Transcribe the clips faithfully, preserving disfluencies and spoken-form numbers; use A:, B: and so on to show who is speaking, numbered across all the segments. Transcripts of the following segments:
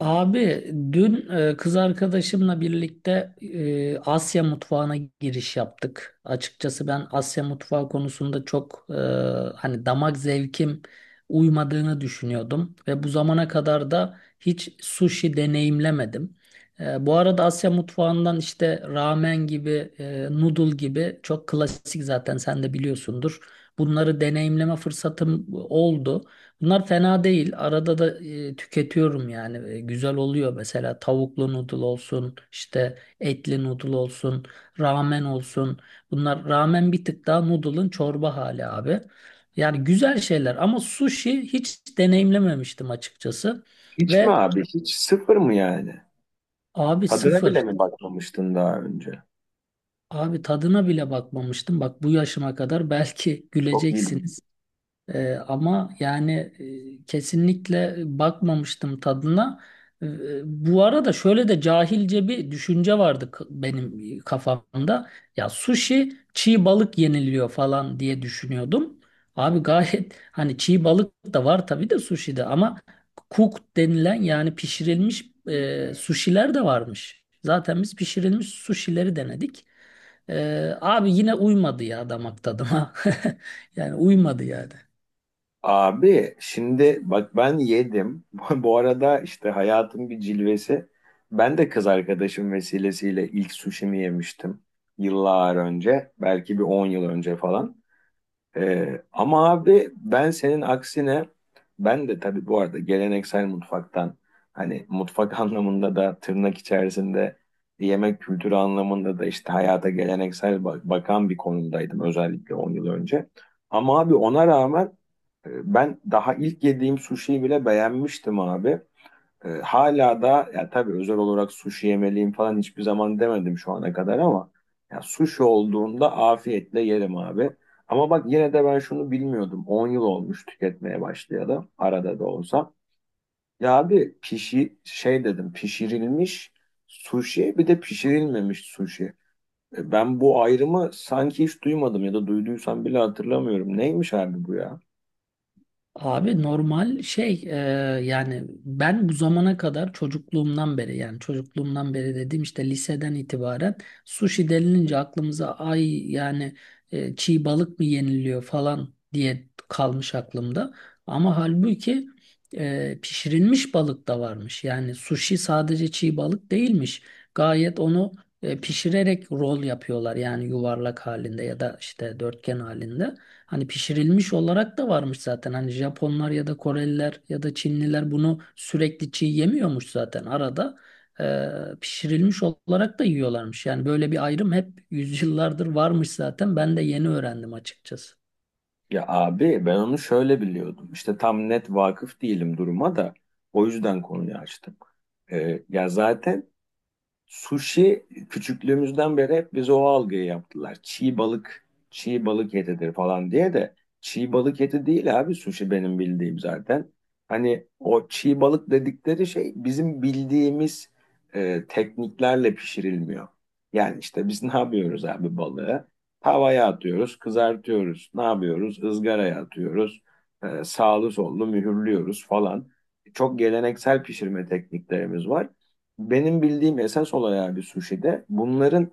A: Abi, dün e, kız arkadaşımla birlikte e, Asya mutfağına giriş yaptık. Açıkçası ben Asya mutfağı konusunda çok e, hani damak zevkim uymadığını düşünüyordum ve bu zamana kadar da hiç sushi deneyimlemedim. E, bu arada Asya mutfağından işte ramen gibi, e, noodle gibi çok klasik, zaten sen de biliyorsundur. Bunları deneyimleme fırsatım oldu. Bunlar fena değil. Arada da e, tüketiyorum yani. E, güzel oluyor mesela, tavuklu noodle olsun, işte etli noodle olsun, ramen olsun. Bunlar ramen bir tık daha noodle'ın çorba hali abi. Yani güzel şeyler ama sushi hiç deneyimlememiştim açıkçası.
B: Hiç mi
A: Ve
B: abi? Hiç sıfır mı yani?
A: abi,
B: Tadına bile
A: sıfır.
B: mi bakmamıştın daha önce?
A: Abi tadına bile bakmamıştım. Bak, bu yaşıma kadar belki
B: Çok iyi.
A: güleceksiniz. Ee, ama yani, e, kesinlikle bakmamıştım tadına. Ee, Bu arada şöyle de cahilce bir düşünce vardı k- benim kafamda. Ya sushi çiğ balık yeniliyor falan diye düşünüyordum. Abi gayet hani çiğ balık da var tabii de sushi'de ama cooked denilen, yani pişirilmiş e, sushi'ler de varmış. Zaten biz pişirilmiş sushi'leri denedik. Ee, abi yine uymadı ya damak tadıma. Yani uymadı yani.
B: Abi şimdi bak ben yedim. Bu arada işte hayatın bir cilvesi. Ben de kız arkadaşım vesilesiyle ilk suşimi yemiştim. Yıllar önce. Belki bir on yıl önce falan. Ee, ama abi ben senin aksine ben de tabii bu arada geleneksel mutfaktan hani mutfak anlamında da tırnak içerisinde yemek kültürü anlamında da işte hayata geleneksel bak- bakan bir konumdaydım özellikle on yıl önce. Ama abi ona rağmen e, ben daha ilk yediğim suşiyi bile beğenmiştim abi. E, hala da ya tabii özel olarak sushi yemeliyim falan hiçbir zaman demedim şu ana kadar ama ya sushi olduğunda afiyetle yerim abi. Ama bak yine de ben şunu bilmiyordum. On yıl olmuş tüketmeye başlayalı arada da olsa. Ya abi pişi şey dedim pişirilmiş sushi bir de pişirilmemiş sushi. E, Ben bu ayrımı sanki hiç duymadım ya da duyduysam bile hatırlamıyorum. Neymiş abi bu ya?
A: Abi normal şey, e, yani ben bu zamana kadar çocukluğumdan beri, yani çocukluğumdan beri dediğim, işte liseden itibaren sushi denilince aklımıza ay yani e, çiğ balık mı yeniliyor falan diye kalmış aklımda. Ama halbuki e, pişirilmiş balık da varmış. Yani sushi sadece çiğ balık değilmiş. Gayet onu e, pişirerek rol yapıyorlar, yani yuvarlak halinde ya da işte dörtgen halinde. Hani pişirilmiş olarak da varmış zaten. Hani Japonlar ya da Koreliler ya da Çinliler bunu sürekli çiğ yemiyormuş zaten. Arada e, pişirilmiş olarak da yiyorlarmış. Yani böyle bir ayrım hep yüzyıllardır varmış zaten. Ben de yeni öğrendim açıkçası.
B: Ya abi ben onu şöyle biliyordum. İşte tam net vakıf değilim duruma da o yüzden konuyu açtım. Ee, ya zaten sushi küçüklüğümüzden beri hep bize o algıyı yaptılar. Çiğ balık, çiğ balık etidir falan diye de çiğ balık eti değil abi sushi benim bildiğim zaten. Hani o çiğ balık dedikleri şey bizim bildiğimiz e, tekniklerle pişirilmiyor. Yani işte biz ne yapıyoruz abi balığı? Tavaya atıyoruz, kızartıyoruz. Ne yapıyoruz? Izgaraya atıyoruz. E, sağlı sollu mühürlüyoruz falan. Çok geleneksel pişirme tekniklerimiz var. Benim bildiğim esas olay abi suşide bunların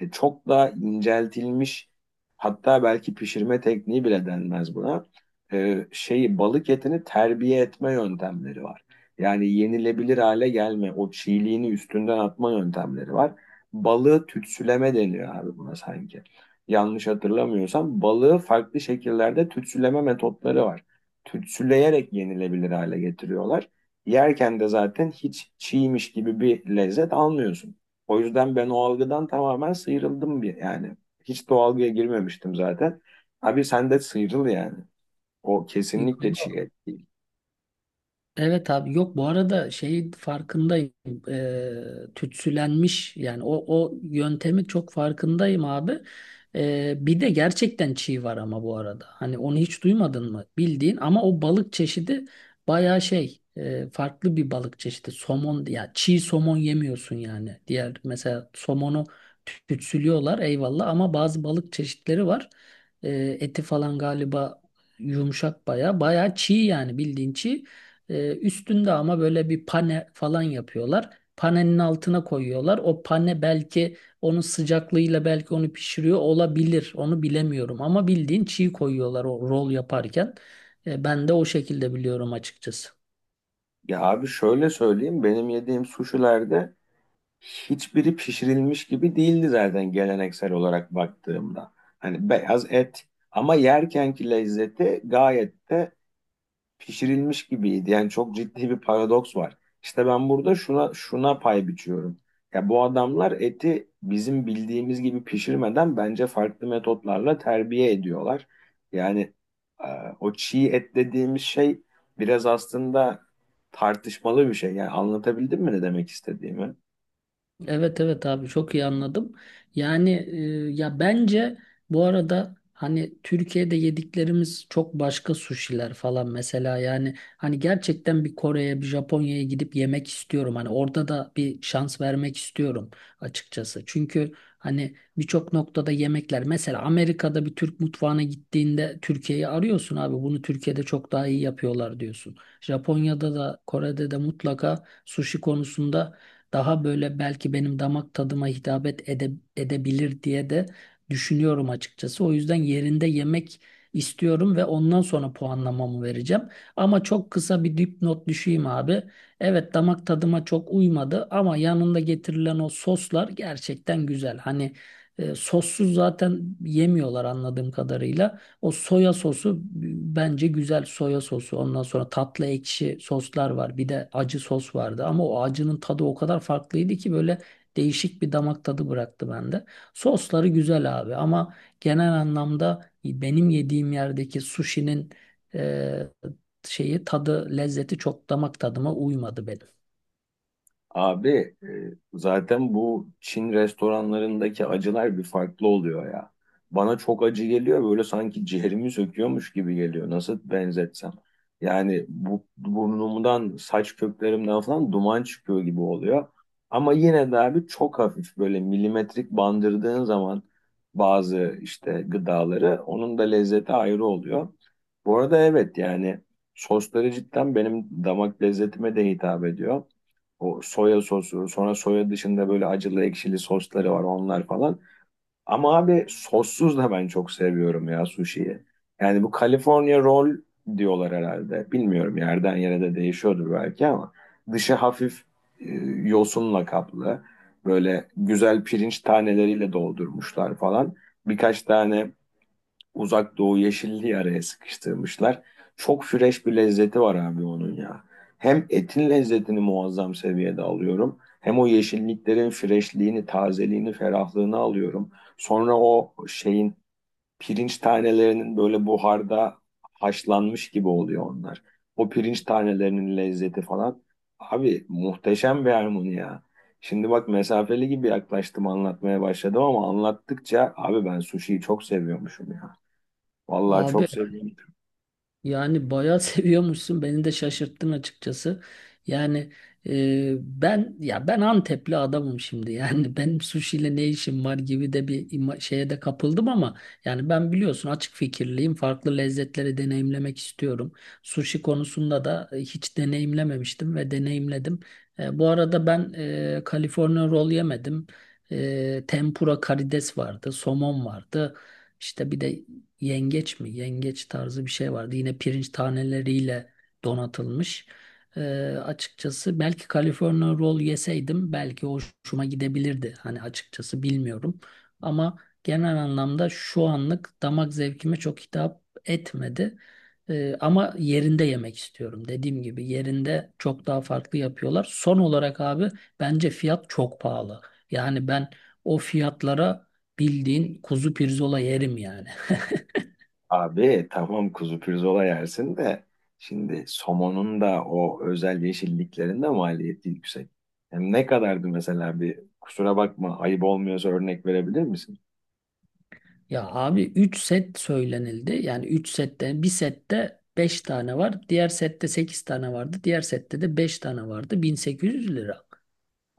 B: e, çok daha inceltilmiş, hatta belki pişirme tekniği bile denmez buna. E, şeyi balık etini terbiye etme yöntemleri var. Yani yenilebilir hale gelme, o çiğliğini üstünden atma yöntemleri var. Balığı tütsüleme deniyor abi buna sanki. Yanlış hatırlamıyorsam balığı farklı şekillerde tütsüleme metotları var. Tütsüleyerek yenilebilir hale getiriyorlar. Yerken de zaten hiç çiğmiş gibi bir lezzet almıyorsun. O yüzden ben o algıdan tamamen sıyrıldım bir yani. Hiç de o algıya girmemiştim zaten. Abi sen de sıyrıl yani. O
A: Yok,
B: kesinlikle çiğ
A: yok.
B: et değil.
A: Evet abi, yok, bu arada şey, farkındayım. Eee Tütsülenmiş yani, o o yöntemi çok farkındayım abi. Eee, bir de gerçekten çiğ var ama, bu arada hani onu hiç duymadın mı bildiğin, ama o balık çeşidi bayağı şey, eee, farklı bir balık çeşidi, somon, ya çiğ somon yemiyorsun yani, diğer mesela somonu tü- tütsülüyorlar eyvallah, ama bazı balık çeşitleri var. Eee, eti falan galiba yumuşak, baya baya çiğ yani, bildiğin çiğ. Ee, üstünde ama böyle bir pane falan yapıyorlar. Panenin altına koyuyorlar. O pane belki onun sıcaklığıyla belki onu pişiriyor olabilir. Onu bilemiyorum ama bildiğin çiğ koyuyorlar o rol yaparken. Ee, ben de o şekilde biliyorum açıkçası.
B: Ya abi şöyle söyleyeyim, benim yediğim suşilerde hiçbiri pişirilmiş gibi değildi zaten geleneksel olarak baktığımda. Hani beyaz et ama yerkenki lezzeti gayet de pişirilmiş gibiydi. Yani çok ciddi bir paradoks var. İşte ben burada şuna şuna pay biçiyorum. Ya bu adamlar eti bizim bildiğimiz gibi pişirmeden bence farklı metotlarla terbiye ediyorlar. Yani e, O çiğ et dediğimiz şey biraz aslında tartışmalı bir şey. Yani anlatabildim mi ne demek istediğimi?
A: Evet, evet abi, çok iyi anladım. Yani e, ya bence, bu arada hani Türkiye'de yediklerimiz çok başka suşiler falan mesela, yani hani gerçekten bir Kore'ye, bir Japonya'ya gidip yemek istiyorum. Hani orada da bir şans vermek istiyorum açıkçası. Çünkü hani birçok noktada yemekler, mesela Amerika'da bir Türk mutfağına gittiğinde Türkiye'yi arıyorsun abi, bunu Türkiye'de çok daha iyi yapıyorlar diyorsun. Japonya'da da Kore'de de mutlaka suşi konusunda daha böyle belki benim damak tadıma hitap et- ede, edebilir diye de düşünüyorum açıkçası. O yüzden yerinde yemek istiyorum ve ondan sonra puanlamamı vereceğim. Ama çok kısa bir dipnot düşeyim abi. Evet, damak tadıma çok uymadı ama yanında getirilen o soslar gerçekten güzel. Hani e, sossuz zaten yemiyorlar anladığım kadarıyla. O soya sosu, bence güzel soya sosu. Ondan sonra tatlı ekşi soslar var. Bir de acı sos vardı. Ama o acının tadı o kadar farklıydı ki böyle değişik bir damak tadı bıraktı bende. Sosları güzel abi ama genel anlamda benim yediğim yerdeki sushi'nin e, şeyi, tadı, lezzeti çok damak tadıma uymadı benim.
B: Abi e, zaten bu Çin restoranlarındaki acılar bir farklı oluyor ya. Bana çok acı geliyor, böyle sanki ciğerimi söküyormuş gibi geliyor. Nasıl benzetsem. Yani bu burnumdan, saç köklerimden falan duman çıkıyor gibi oluyor. Ama yine de abi çok hafif böyle milimetrik bandırdığın zaman bazı işte gıdaları, onun da lezzeti ayrı oluyor. Bu arada evet, yani sosları cidden benim damak lezzetime de hitap ediyor. O soya sosu, sonra soya dışında böyle acılı ekşili sosları var onlar falan. Ama abi sossuz da ben çok seviyorum ya sushi'yi. Yani bu California roll diyorlar herhalde. Bilmiyorum, yerden yere de değişiyordur belki ama dışı hafif e, yosunla kaplı. Böyle güzel pirinç taneleriyle doldurmuşlar falan. Birkaç tane Uzak Doğu yeşilliği araya sıkıştırmışlar. Çok fresh bir lezzeti var abi onun ya. Hem etin lezzetini muazzam seviyede alıyorum. Hem o yeşilliklerin freshliğini, tazeliğini, ferahlığını alıyorum. Sonra o şeyin pirinç tanelerinin böyle buharda haşlanmış gibi oluyor onlar. O pirinç tanelerinin lezzeti falan. Abi muhteşem bir harmoni ya. Şimdi bak, mesafeli gibi yaklaştım anlatmaya başladım ama anlattıkça abi ben sushiyi çok seviyormuşum ya. Vallahi çok
A: Abi,
B: sevindim.
A: yani bayağı seviyormuşsun. Beni de şaşırttın açıkçası. Yani e, ben ya ben Antepli adamım şimdi. Yani benim sushi ne işim var gibi de bir ima- şeye de kapıldım ama yani ben, biliyorsun, açık fikirliyim. Farklı lezzetleri deneyimlemek istiyorum. Sushi konusunda da e, hiç deneyimlememiştim ve deneyimledim. E, bu arada ben e, California roll yemedim. E, tempura karides vardı, somon vardı. İşte bir de yengeç mi? Yengeç tarzı bir şey vardı. Yine pirinç taneleriyle donatılmış. Ee, Açıkçası belki California roll yeseydim belki hoşuma gidebilirdi. Hani açıkçası bilmiyorum. Ama genel anlamda şu anlık damak zevkime çok hitap etmedi. Ee, ama yerinde yemek istiyorum. Dediğim gibi yerinde çok daha farklı yapıyorlar. Son olarak abi, bence fiyat çok pahalı. Yani ben o fiyatlara bildiğin kuzu pirzola yerim yani.
B: Abi tamam, kuzu pirzola yersin de şimdi somonun da o özel yeşilliklerinde maliyeti yüksek. Hem ne kadardı mesela, bir kusura bakma ayıp olmuyorsa örnek verebilir misin?
A: Ya abi, üç set söylenildi. Yani üç sette, bir sette beş tane var, diğer sette sekiz tane vardı, diğer sette de beş tane vardı. bin sekiz yüz lira.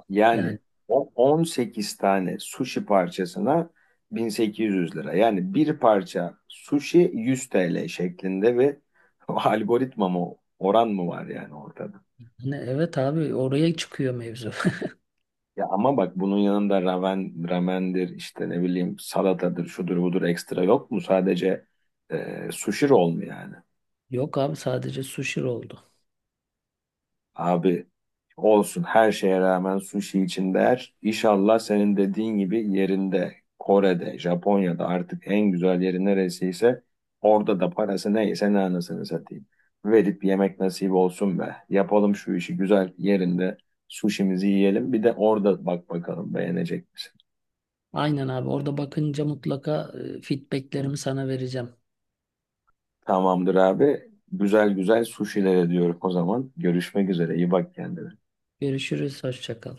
B: Yani
A: Yani
B: o on sekiz tane sushi parçasına bin sekiz yüz lira. Yani bir parça sushi yüz T L şeklinde bir algoritma mı, oran mı var yani ortada?
A: hani, evet abi, oraya çıkıyor mevzu.
B: Ya ama bak, bunun yanında ramen, ramendir, işte ne bileyim salatadır şudur budur, ekstra yok mu? Sadece e, sushi roll mu yani?
A: Yok abi, sadece sushi oldu.
B: Abi olsun, her şeye rağmen sushi için değer. İnşallah senin dediğin gibi yerinde, Kore'de, Japonya'da, artık en güzel yeri neresiyse orada da parası neyse ne, anasını satayım. Verip yemek nasip olsun be. Yapalım şu işi, güzel yerinde sushimizi yiyelim. Bir de orada bak bakalım beğenecek misin?
A: Aynen abi, orada bakınca mutlaka e, feedbacklerimi sana vereceğim.
B: Tamamdır abi. Güzel güzel suşiler ediyorum o zaman. Görüşmek üzere. İyi bak kendine.
A: Görüşürüz. Hoşça kal.